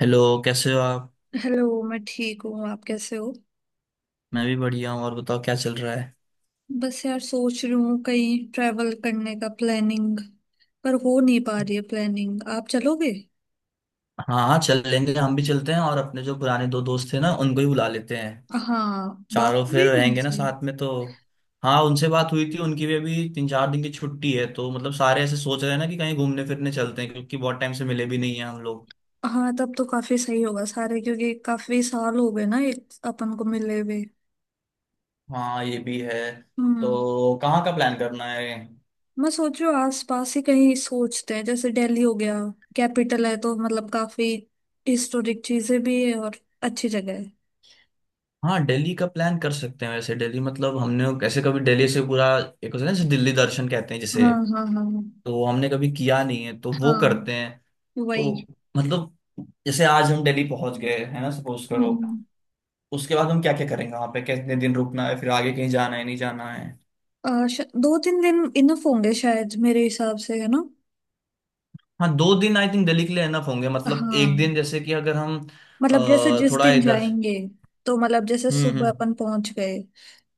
Hello. कैसे हो आप। हेलो। मैं ठीक हूँ, आप कैसे हो? मैं भी बढ़िया हूँ और बताओ क्या चल रहा है। बस यार सोच रही हूँ कहीं ट्रैवल करने का प्लानिंग पर हो नहीं पा रही है प्लानिंग। आप चलोगे? हाँ हाँ चल लेंगे, हम भी चलते हैं, और अपने जो पुराने दो दोस्त थे ना उनको ही बुला लेते हैं। हाँ, बात चारों फिर हुई रहेंगे ना उनसे। साथ में तो। हाँ उनसे बात हुई थी, उनकी भी अभी 3 4 दिन की छुट्टी है, तो मतलब सारे ऐसे सोच रहे हैं ना कि कहीं घूमने फिरने चलते हैं क्योंकि बहुत टाइम से मिले भी नहीं है हम लोग। हाँ तब तो काफी सही होगा सारे, क्योंकि काफी साल हो गए ना एक अपन को मिले हुए। हाँ ये भी है। हम्म। तो कहाँ का प्लान करना है। मैं सोच रही हूँ आस पास ही कहीं सोचते हैं, जैसे दिल्ली हो गया। कैपिटल है तो मतलब काफी हिस्टोरिक चीजें भी है और अच्छी जगह है। हाँ दिल्ली का प्लान कर सकते हैं। वैसे दिल्ली मतलब हमने कैसे कभी दिल्ली से पूरा एक होता है ना जैसे दिल्ली दर्शन कहते हैं जिसे। हाँ हाँ हाँ हाँ। तो हमने कभी किया नहीं है, तो वो हाँ, करते हैं। तो वही। मतलब जैसे आज हम दिल्ली पहुंच गए है ना, सपोज करो। हम्म। उसके बाद हम क्या क्या करेंगे वहां पे, कितने दिन रुकना है, फिर आगे कहीं जाना है नहीं जाना है। दो तीन दिन इनफ होंगे शायद मेरे हिसाब से, है ना? हाँ दो दिन आई थिंक दिल्ली के लिए एनफ होंगे, मतलब एक हाँ, दिन जैसे कि अगर हम मतलब जैसे जिस थोड़ा दिन इधर। जाएंगे, तो मतलब जैसे सुबह हम्म। अपन पहुंच गए,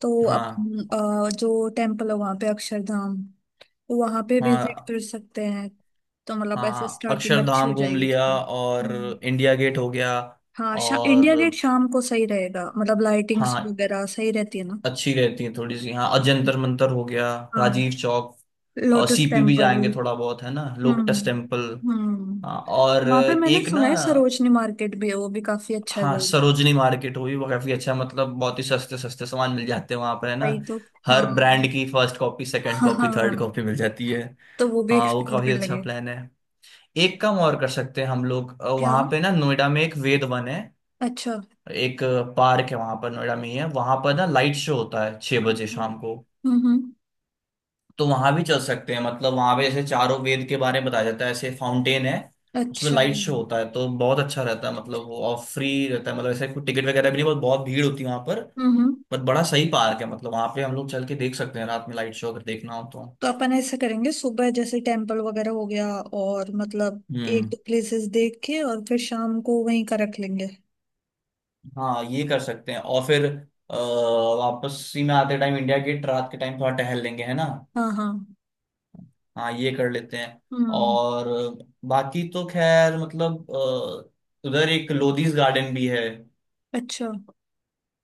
तो हाँ अपन जो टेम्पल है वहां पे अक्षरधाम, वहां पे विजिट हाँ कर सकते हैं। तो मतलब ऐसे हाँ। स्टार्टिंग अच्छी अक्षरधाम हो घूम जाएगी लिया थोड़ी। और हम्म। इंडिया गेट हो गया। हाँ, इंडिया गेट और शाम को सही रहेगा, मतलब लाइटिंग्स हाँ वगैरह सही रहती है ना। अच्छी रहती है थोड़ी सी। हाँ अजंतर मंतर हो गया, हाँ, राजीव चौक, और लोटस सीपी भी टेम्पल। जाएंगे थोड़ा बहुत है ना। Lotus Temple. हाँ और हम्म। वहां पे मैंने एक ना। सुना है सरोजनी मार्केट भी है, वो भी काफी अच्छा हाँ जगह सरोजनी मार्केट, वो भी काफी अच्छा, मतलब बहुत ही सस्ते सस्ते सामान मिल जाते हैं वहां है पर है ना। भाई तो। हाँ हर ब्रांड की फर्स्ट कॉपी सेकंड हाँ हाँ, कॉपी थर्ड हाँ। कॉपी मिल जाती है। तो वो भी हाँ वो एक्सप्लोर काफी कर अच्छा लेंगे। प्लान है। एक काम और कर सकते हैं हम लोग। क्या? वहां पे ना नोएडा में एक वेद वन है। अच्छा। एक पार्क है, वहां पर नोएडा में ही है। वहां पर ना लाइट शो होता है 6 बजे शाम को। हम्म। तो वहां भी चल सकते हैं, मतलब वहां पे जैसे चारों वेद के बारे में बताया जाता है, ऐसे फाउंटेन है, उसमें अच्छा। लाइट शो होता है, तो बहुत अच्छा रहता है। मतलब वो और फ्री रहता है, मतलब ऐसे कोई टिकट वगैरह भी नहीं। बहुत बहुत भीड़ होती है वहां पर। हम्म। बट बड़ा सही पार्क है, मतलब वहां पे हम लोग चल के देख सकते हैं रात में लाइट शो अगर देखना हो तो। तो अपन ऐसा करेंगे, सुबह जैसे टेम्पल वगैरह हो गया और मतलब एक हम्म। दो प्लेसेस देख के, और फिर शाम को वहीं का रख लेंगे। हाँ ये कर सकते हैं और फिर अ, वापसी में आते टाइम इंडिया गेट रात के टाइम थोड़ा टहल लेंगे है ना। हाँ हाँ। हाँ ये कर लेते हैं। हम्म। और बाकी तो खैर मतलब उधर एक लोधीज गार्डन भी है। अच्छा,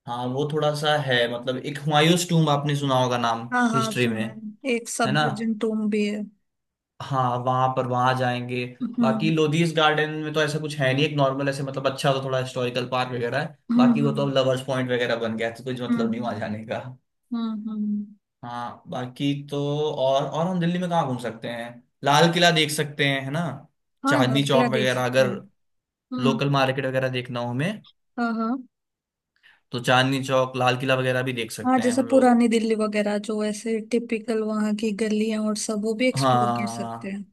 हाँ वो थोड़ा सा है, मतलब एक हुमायूंस टूम्ब आपने सुना होगा नाम हाँ हाँ हिस्ट्री में, सुना है, एक है सब ना। विजन टूम भी है। हाँ वहां पर वहां जाएंगे। हम्म बाकी लोधीस गार्डन में तो ऐसा कुछ है नहीं, एक नॉर्मल ऐसे, मतलब अच्छा तो थोड़ा हिस्टोरिकल पार्क वगैरह है, हम्म। बाकी वो तो हम्म। अब लवर्स पॉइंट वगैरह बन गया है, तो कुछ मतलब नहीं वहां हम्म जाने का। हम्म। हाँ बाकी तो। और हम दिल्ली में कहाँ घूम सकते हैं। लाल किला देख सकते हैं है ना। हाँ, चांदनी चौक नगला देख वगैरह, सकते हैं। अगर हम्म। लोकल मार्केट वगैरह देखना हो हमें, हाँ हाँ। तो चांदनी चौक लाल किला वगैरह भी देख हाँ, सकते हैं जैसे हम लोग। पुरानी दिल्ली वगैरह जो ऐसे टिपिकल वहाँ की गलियां और सब, वो भी एक्सप्लोर कर सकते हैं। हाँ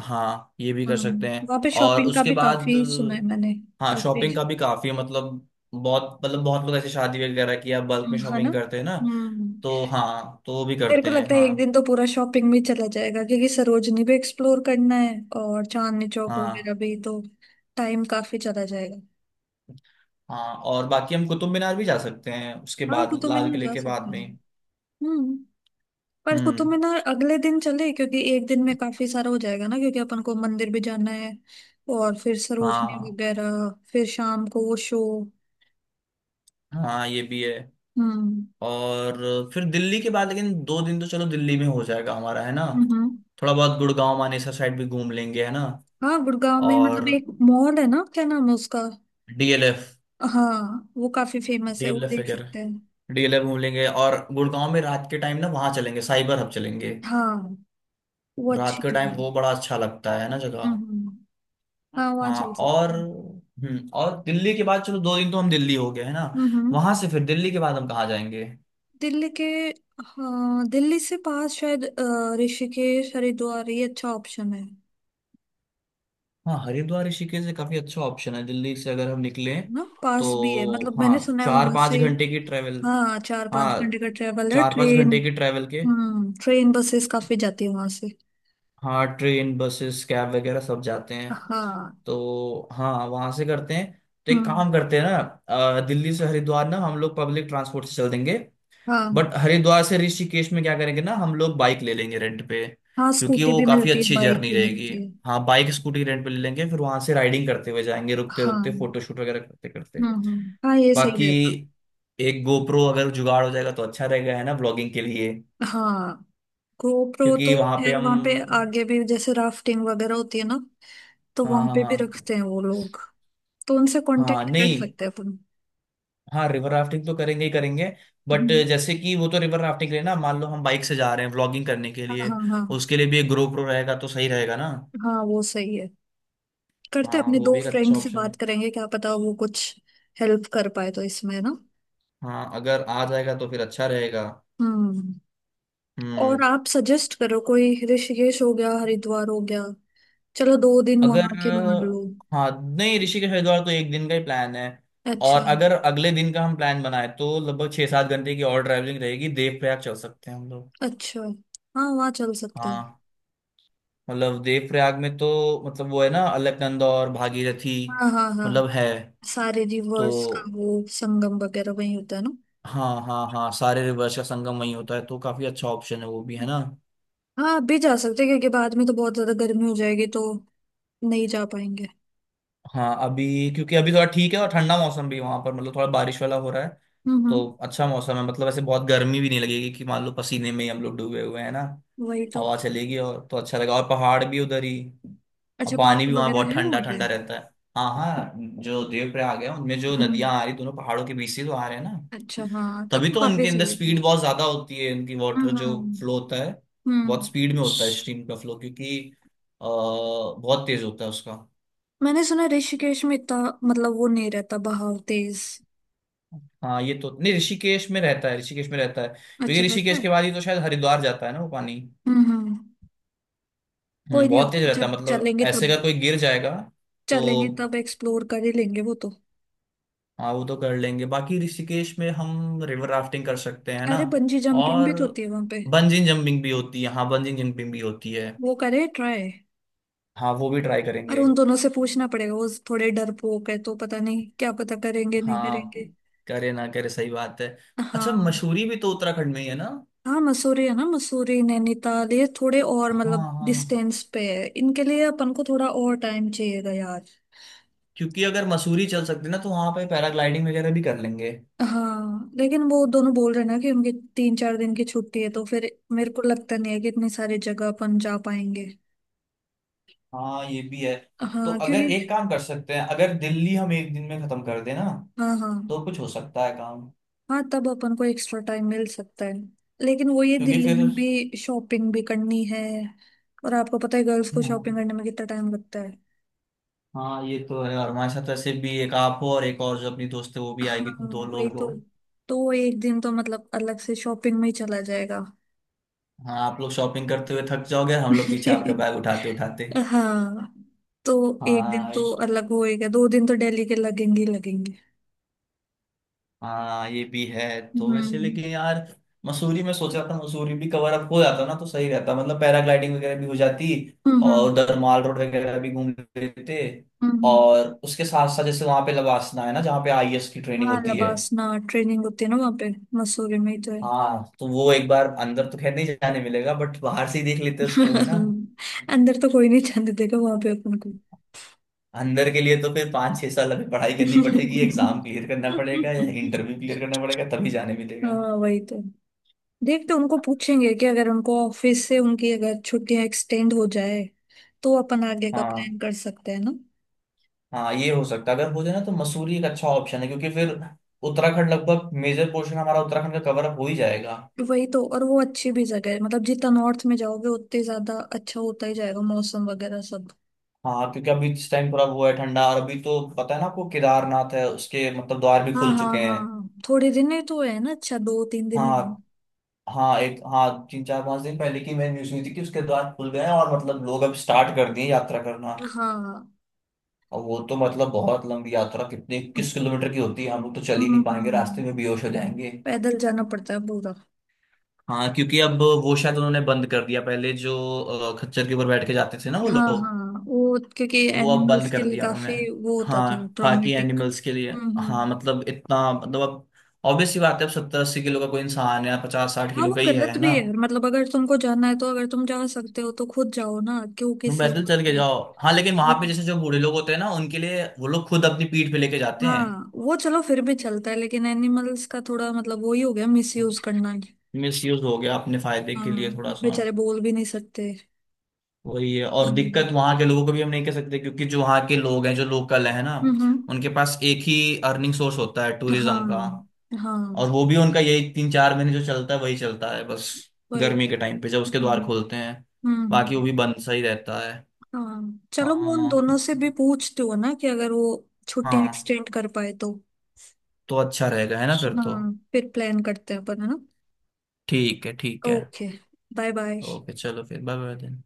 हाँ ये भी कर सकते हम्म, हैं। वहाँ पे और शॉपिंग का उसके भी बाद काफी सुना है मैंने। हाँ काफी। शॉपिंग का भी काफी है, मतलब बहुत लोग ऐसे शादी वगैरह की या बल्क में है ना। शॉपिंग करते हैं ना, हम्म। तो हाँ तो वो भी मेरे करते को हैं। लगता है हाँ एक दिन तो पूरा शॉपिंग में चला जाएगा, क्योंकि सरोजनी भी एक्सप्लोर करना है और चांदनी चौक हाँ वगैरह भी, तो टाइम काफी चला जाएगा। हाँ। और बाकी हम कुतुब मीनार भी जा सकते हैं उसके हाँ, बाद, कुतुब लाल मीनार किले जा के बाद सकते हैं। में। हम्म। पर कुतुब हम्म। मीनार अगले दिन चले, क्योंकि एक दिन में काफी सारा हो जाएगा ना, क्योंकि अपन को मंदिर भी जाना है और फिर सरोजनी हाँ वगैरह, फिर शाम को वो शो। हाँ ये भी है। हम्म और फिर दिल्ली के बाद, लेकिन दो दिन तो चलो दिल्ली में हो जाएगा हमारा है ना। हम्म। थोड़ा बहुत गुड़गांव मानेसर साइड भी घूम लेंगे है ना। हाँ, गुड़गांव में मतलब और एक मॉल है ना, क्या नाम है उसका? डीएलएफ। हाँ, वो काफी फेमस है, वो डीएलएफ देख वगैरह, सकते हैं। डीएलएफ घूम लेंगे, और गुड़गांव में रात के टाइम ना वहां चलेंगे, साइबर हब चलेंगे। हाँ, वो रात अच्छी के जगह टाइम है। वो बड़ा अच्छा लगता है ना हम्म जगह। हम्म। हाँ, वहाँ हाँ चल सकते हैं। और दिल्ली के बाद, चलो दो दिन तो हम दिल्ली हो गए है ना। हम्म हम्म। वहां से फिर दिल्ली के बाद हम कहाँ जाएंगे। दिल्ली के, हाँ दिल्ली से पास शायद ऋषिकेश हरिद्वार, ये अच्छा ऑप्शन है हाँ हरिद्वार ऋषिकेश से काफी अच्छा ऑप्शन है दिल्ली से, अगर हम निकले ना। पास भी है, तो। मतलब हाँ मैंने सुना है चार वहां पाँच से। घंटे की ट्रेवल। हाँ, चार हाँ पांच घंटे का ट्रेवल है चार पाँच ट्रेन। घंटे की ट्रेवल के। हम्म, ट्रेन बसेस काफी जाती है वहां से। हाँ ट्रेन बसेस कैब वगैरह सब जाते हैं। हाँ। तो हाँ वहां से करते हैं। तो एक हम्म। काम करते हैं ना। दिल्ली से हरिद्वार ना हम लोग पब्लिक ट्रांसपोर्ट से चल देंगे। हाँ, बट हरिद्वार से ऋषिकेश में क्या करेंगे ना, हम लोग बाइक ले लेंगे रेंट पे, हाँ क्योंकि स्कूटी वो भी काफी मिलती है, अच्छी बाइक जर्नी भी रहेगी। मिलती है। हाँ बाइक स्कूटी रेंट पे ले लेंगे, फिर वहां से राइडिंग करते हुए जाएंगे, रुकते हाँ। रुकते फोटोशूट वगैरह करते करते। हाँ ये सही बाकी रहेगा। एक गोप्रो अगर जुगाड़ हो जाएगा तो अच्छा रहेगा है ना, ब्लॉगिंग के लिए। हाँ। गोप्रो तो क्योंकि वहां पे फिर वहां पे हम आगे भी जैसे राफ्टिंग वगैरह होती है ना, तो हाँ वहां हाँ पे भी हाँ। रखते हैं वो लोग, तो उनसे हाँ कांटेक्ट कर नहीं। सकते हैं अपन। हाँ रिवर राफ्टिंग तो करेंगे ही करेंगे। बट हम्म, जैसे कि वो तो रिवर राफ्टिंग के लिए ना, मान लो हम बाइक से जा रहे हैं व्लॉगिंग करने के हाँ लिए, हाँ हाँ। उसके लिए भी एक GoPro रहेगा तो सही रहेगा ना। हाँ वो सही है। करते हैं, हाँ अपने वो दो भी एक अच्छा फ्रेंड से ऑप्शन है। बात करेंगे, क्या पता वो कुछ हेल्प कर पाए तो इसमें ना। हाँ अगर आ जाएगा तो फिर अच्छा रहेगा। हम्म। और हम्म। आप सजेस्ट करो कोई, ऋषिकेश हो गया, हरिद्वार हो गया, चलो दो दिन अगर वहां के मान लो। हाँ नहीं, ऋषिकेश हरिद्वार तो एक दिन का ही प्लान है। अच्छा। और अगर अगले दिन का हम प्लान बनाए, तो लगभग 6 7 घंटे की और ट्रैवलिंग रहेगी, देवप्रयाग चल सकते हैं हम लोग। अच्छा, हाँ वहाँ चल सकते हैं। हाँ मतलब देवप्रयाग में तो, मतलब वो है ना अलकनंदा और भागीरथी, हाँ हाँ हाँ, मतलब है सारे तो। रिवर्स का वो संगम वगैरह वहीं होता है ना। हाँ हाँ हाँ, सारे रिवर्स का संगम वहीं होता है, तो काफी अच्छा ऑप्शन है वो भी है ना। हाँ, अभी जा सकते हैं, क्योंकि बाद में तो बहुत ज्यादा गर्मी हो जाएगी तो नहीं जा पाएंगे। हाँ अभी, क्योंकि अभी थोड़ा ठीक है और ठंडा मौसम भी वहां पर, मतलब थोड़ा बारिश वाला हो रहा है, तो हम्म। अच्छा मौसम है। मतलब ऐसे बहुत गर्मी भी नहीं लगेगी कि मान लो पसीने में ही हम लोग डूबे हुए हैं ना। वही तो। हवा चलेगी और तो अच्छा लगा, और पहाड़ भी उधर ही। अच्छा, और पानी पार्क भी वहां वगैरह बहुत है ठंडा वहां पे? ठंडा रहता है। हाँ हाँ जो देवप्रयाग है, उनमें जो नदियां आ रही दोनों पहाड़ों के बीच से, तो आ रहे हैं ना। अच्छा, हाँ तब तभी तो तो काफी उनके अंदर सही है फिर। स्पीड बहुत ज्यादा होती है, इनकी वाटर जो हम्म। फ्लो होता है बहुत हम्म। स्पीड में होता है, स्ट्रीम का फ्लो, क्योंकि बहुत तेज होता है उसका। मैंने सुना ऋषिकेश में इतना मतलब वो नहीं रहता बहाव तेज? हाँ ये तो नहीं ऋषिकेश में रहता है, ऋषिकेश में रहता है अच्छा, क्योंकि रहता ऋषिकेश है। के बाद ही तो शायद हरिद्वार जाता है ना वो पानी। हम्म। कोई नहीं, अब बहुत तेज रहता है, जब मतलब चलेंगे ऐसे तब अगर कोई गिर जाएगा तो। चलेंगे, तब एक्सप्लोर कर ही लेंगे वो तो। हाँ वो तो कर लेंगे बाकी, ऋषिकेश में हम रिवर राफ्टिंग कर सकते हैं ना। अरे, बंजी जंपिंग भी और तो होती है वहां पे। बंजिंग जंपिंग भी होती है, हाँ बंजिंग जंपिंग भी होती है। वो करे ट्राई। हाँ वो भी ट्राई और करेंगे। उन दोनों से पूछना पड़ेगा, वो थोड़े डरपोक है तो पता नहीं, क्या पता करेंगे नहीं हाँ करेंगे। करे ना करे, सही बात है। अच्छा हाँ। मसूरी भी तो उत्तराखंड में ही है ना। हाँ, मसूरी है ना, मसूरी नैनीताल ये थोड़े और हाँ मतलब हाँ डिस्टेंस पे है, इनके लिए अपन को थोड़ा और टाइम चाहिएगा यार। क्योंकि अगर मसूरी चल सकते ना, तो वहां पे पैराग्लाइडिंग वगैरह भी कर लेंगे। हाँ, लेकिन वो दोनों बोल रहे हैं ना कि उनकी तीन चार दिन की छुट्टी है, तो फिर मेरे को लगता नहीं है कि इतनी सारी जगह अपन जा पाएंगे। हाँ ये भी है। तो हाँ, अगर एक क्योंकि। काम कर सकते हैं, अगर दिल्ली हम एक दिन में खत्म कर दें ना, हाँ हाँ। तो कुछ हो सकता है काम, हाँ, तब अपन को एक्स्ट्रा टाइम मिल सकता है, लेकिन वो ये क्योंकि दिल्ली फिर। में भी शॉपिंग भी करनी है, और आपको पता है गर्ल्स को शॉपिंग हाँ करने में कितना टाइम लगता है। हाँ ये तो है, और हमारे साथ वैसे भी एक आप हो और एक और जो अपनी दोस्त है वो भी आएगी, हाँ, तो दो वही लोग तो। हो। तो एक दिन तो मतलब अलग से शॉपिंग में ही चला जाएगा। हाँ आप लोग शॉपिंग करते हुए थक जाओगे, हम लोग पीछे आपका बैग उठाते उठाते। हाँ, तो एक दिन तो हाँ अलग होएगा, दो दिन तो दिल्ली के लगेंगे ही लगेंगे। हाँ ये भी है। तो वैसे हम्म। लेकिन यार, मसूरी में सोचा था मसूरी भी कवर अप हो जाता ना तो सही रहता, मतलब पैराग्लाइडिंग वगैरह भी हो जाती, हम्म, और उधर माल रोड वगैरह भी घूम लेते, हम्म। हम्म। और उसके साथ साथ जैसे वहां पे लवासना है ना जहाँ पे आईएएस की ट्रेनिंग हाँ, होती है। लबासना ट्रेनिंग होती है ना वहाँ पे, मसूरी में ही तो है। हाँ तो वो एक बार अंदर तो खैर नहीं जाने मिलेगा, बट बाहर से ही देख लेते उसको है ना। अंदर तो कोई नहीं जाने देगा वहां पे अपन को। अंदर के लिए तो फिर 5 6 साल अभी पढ़ाई करनी पड़ेगी, एग्जाम क्लियर करना पड़ेगा या इंटरव्यू क्लियर करना पड़ेगा तभी जाने मिलेगा। हाँ, वही तो। देखते हैं, उनको पूछेंगे कि अगर उनको ऑफिस से उनकी अगर छुट्टियां एक्सटेंड हो जाए तो अपन आगे का हाँ प्लान कर सकते हैं ना। हाँ ये हो सकता है, अगर हो जाए ना तो मसूरी एक अच्छा ऑप्शन है, क्योंकि फिर उत्तराखंड लगभग मेजर पोर्शन हमारा उत्तराखंड का कवर अप हो ही जाएगा। वही तो, और वो अच्छी भी जगह है, मतलब जितना नॉर्थ में जाओगे उतने ज्यादा अच्छा होता ही जाएगा मौसम वगैरह सब। हाँ क्योंकि अभी इस टाइम थोड़ा वो है ठंडा, और अभी तो पता है ना आपको केदारनाथ है, उसके मतलब द्वार भी हाँ खुल हाँ चुके हैं। हाँ, थोड़े दिन ही तो है ना, अच्छा दो तीन दिनों में। हाँ हाँ एक हाँ 3 4 5 दिन पहले की मैंने न्यूज सुनी थी कि उसके द्वार खुल गए हैं, और मतलब लोग अब स्टार्ट कर दिए यात्रा करना। हाँ। और वो तो मतलब बहुत लंबी यात्रा, कितनी किस किलोमीटर की होती है, हम लोग तो चल ही नहीं पाएंगे, रास्ते हम्म। में बेहोश हो जाएंगे। पैदल जाना पड़ता है पूरा। हाँ क्योंकि अब वो शायद उन्होंने बंद कर दिया पहले जो खच्चर के ऊपर बैठ के जाते थे ना वो हाँ लोग, हाँ, वो क्योंकि तो वो अब एनिमल्स बंद के कर लिए दिया उन्होंने। काफी वो होता था हाँ ताकि ट्रॉमेटिक। एनिमल्स के लिए। हम्म। हाँ मतलब इतना मतलब अब ऑब्वियस सी बात है, अब 70 80 किलो का कोई इंसान है, पचास साठ हाँ, किलो वो का ही गलत है भी ना। है, मतलब अगर तुमको जाना है, तो अगर तुम जा सकते हो तो खुद जाओ ना, क्यों तुम किसी पैदल और चल के जाओ। हाँ लेकिन के। वहां पे जैसे जो बूढ़े लोग होते हैं ना, उनके लिए वो लोग खुद अपनी पीठ पे लेके जाते हैं। हाँ, वो चलो फिर भी चलता है, लेकिन एनिमल्स का थोड़ा मतलब वही हो गया मिसयूज करना है। मिस यूज हो गया अपने फायदे हाँ, के लिए थोड़ा वो सा। बेचारे बोल भी नहीं सकते। वही है और दिक्कत, हम्म। वहां के लोगों को भी हम नहीं कह सकते क्योंकि जो वहां के लोग हैं जो लोकल है ना, हम्म। उनके पास एक ही अर्निंग सोर्स होता है टूरिज्म का। हाँ हाँ। और वो भी उनका यही 3 4 महीने जो चलता है वही चलता है बस, वही। गर्मी के टाइम पे जब उसके द्वार हम्म खोलते हैं। हम्म। बाकी वो भी बंद सा ही रहता है। हाँ चलो, मैं उन हाँ दोनों से भी पूछती हूँ ना कि अगर वो छुट्टी हाँ एक्सटेंड कर पाए तो। तो अच्छा रहेगा है ना फिर तो। हाँ, फिर प्लान करते हैं अपन है ना। ठीक है ठीक है। Okay, bye bye. ओके चलो फिर बाय बाय।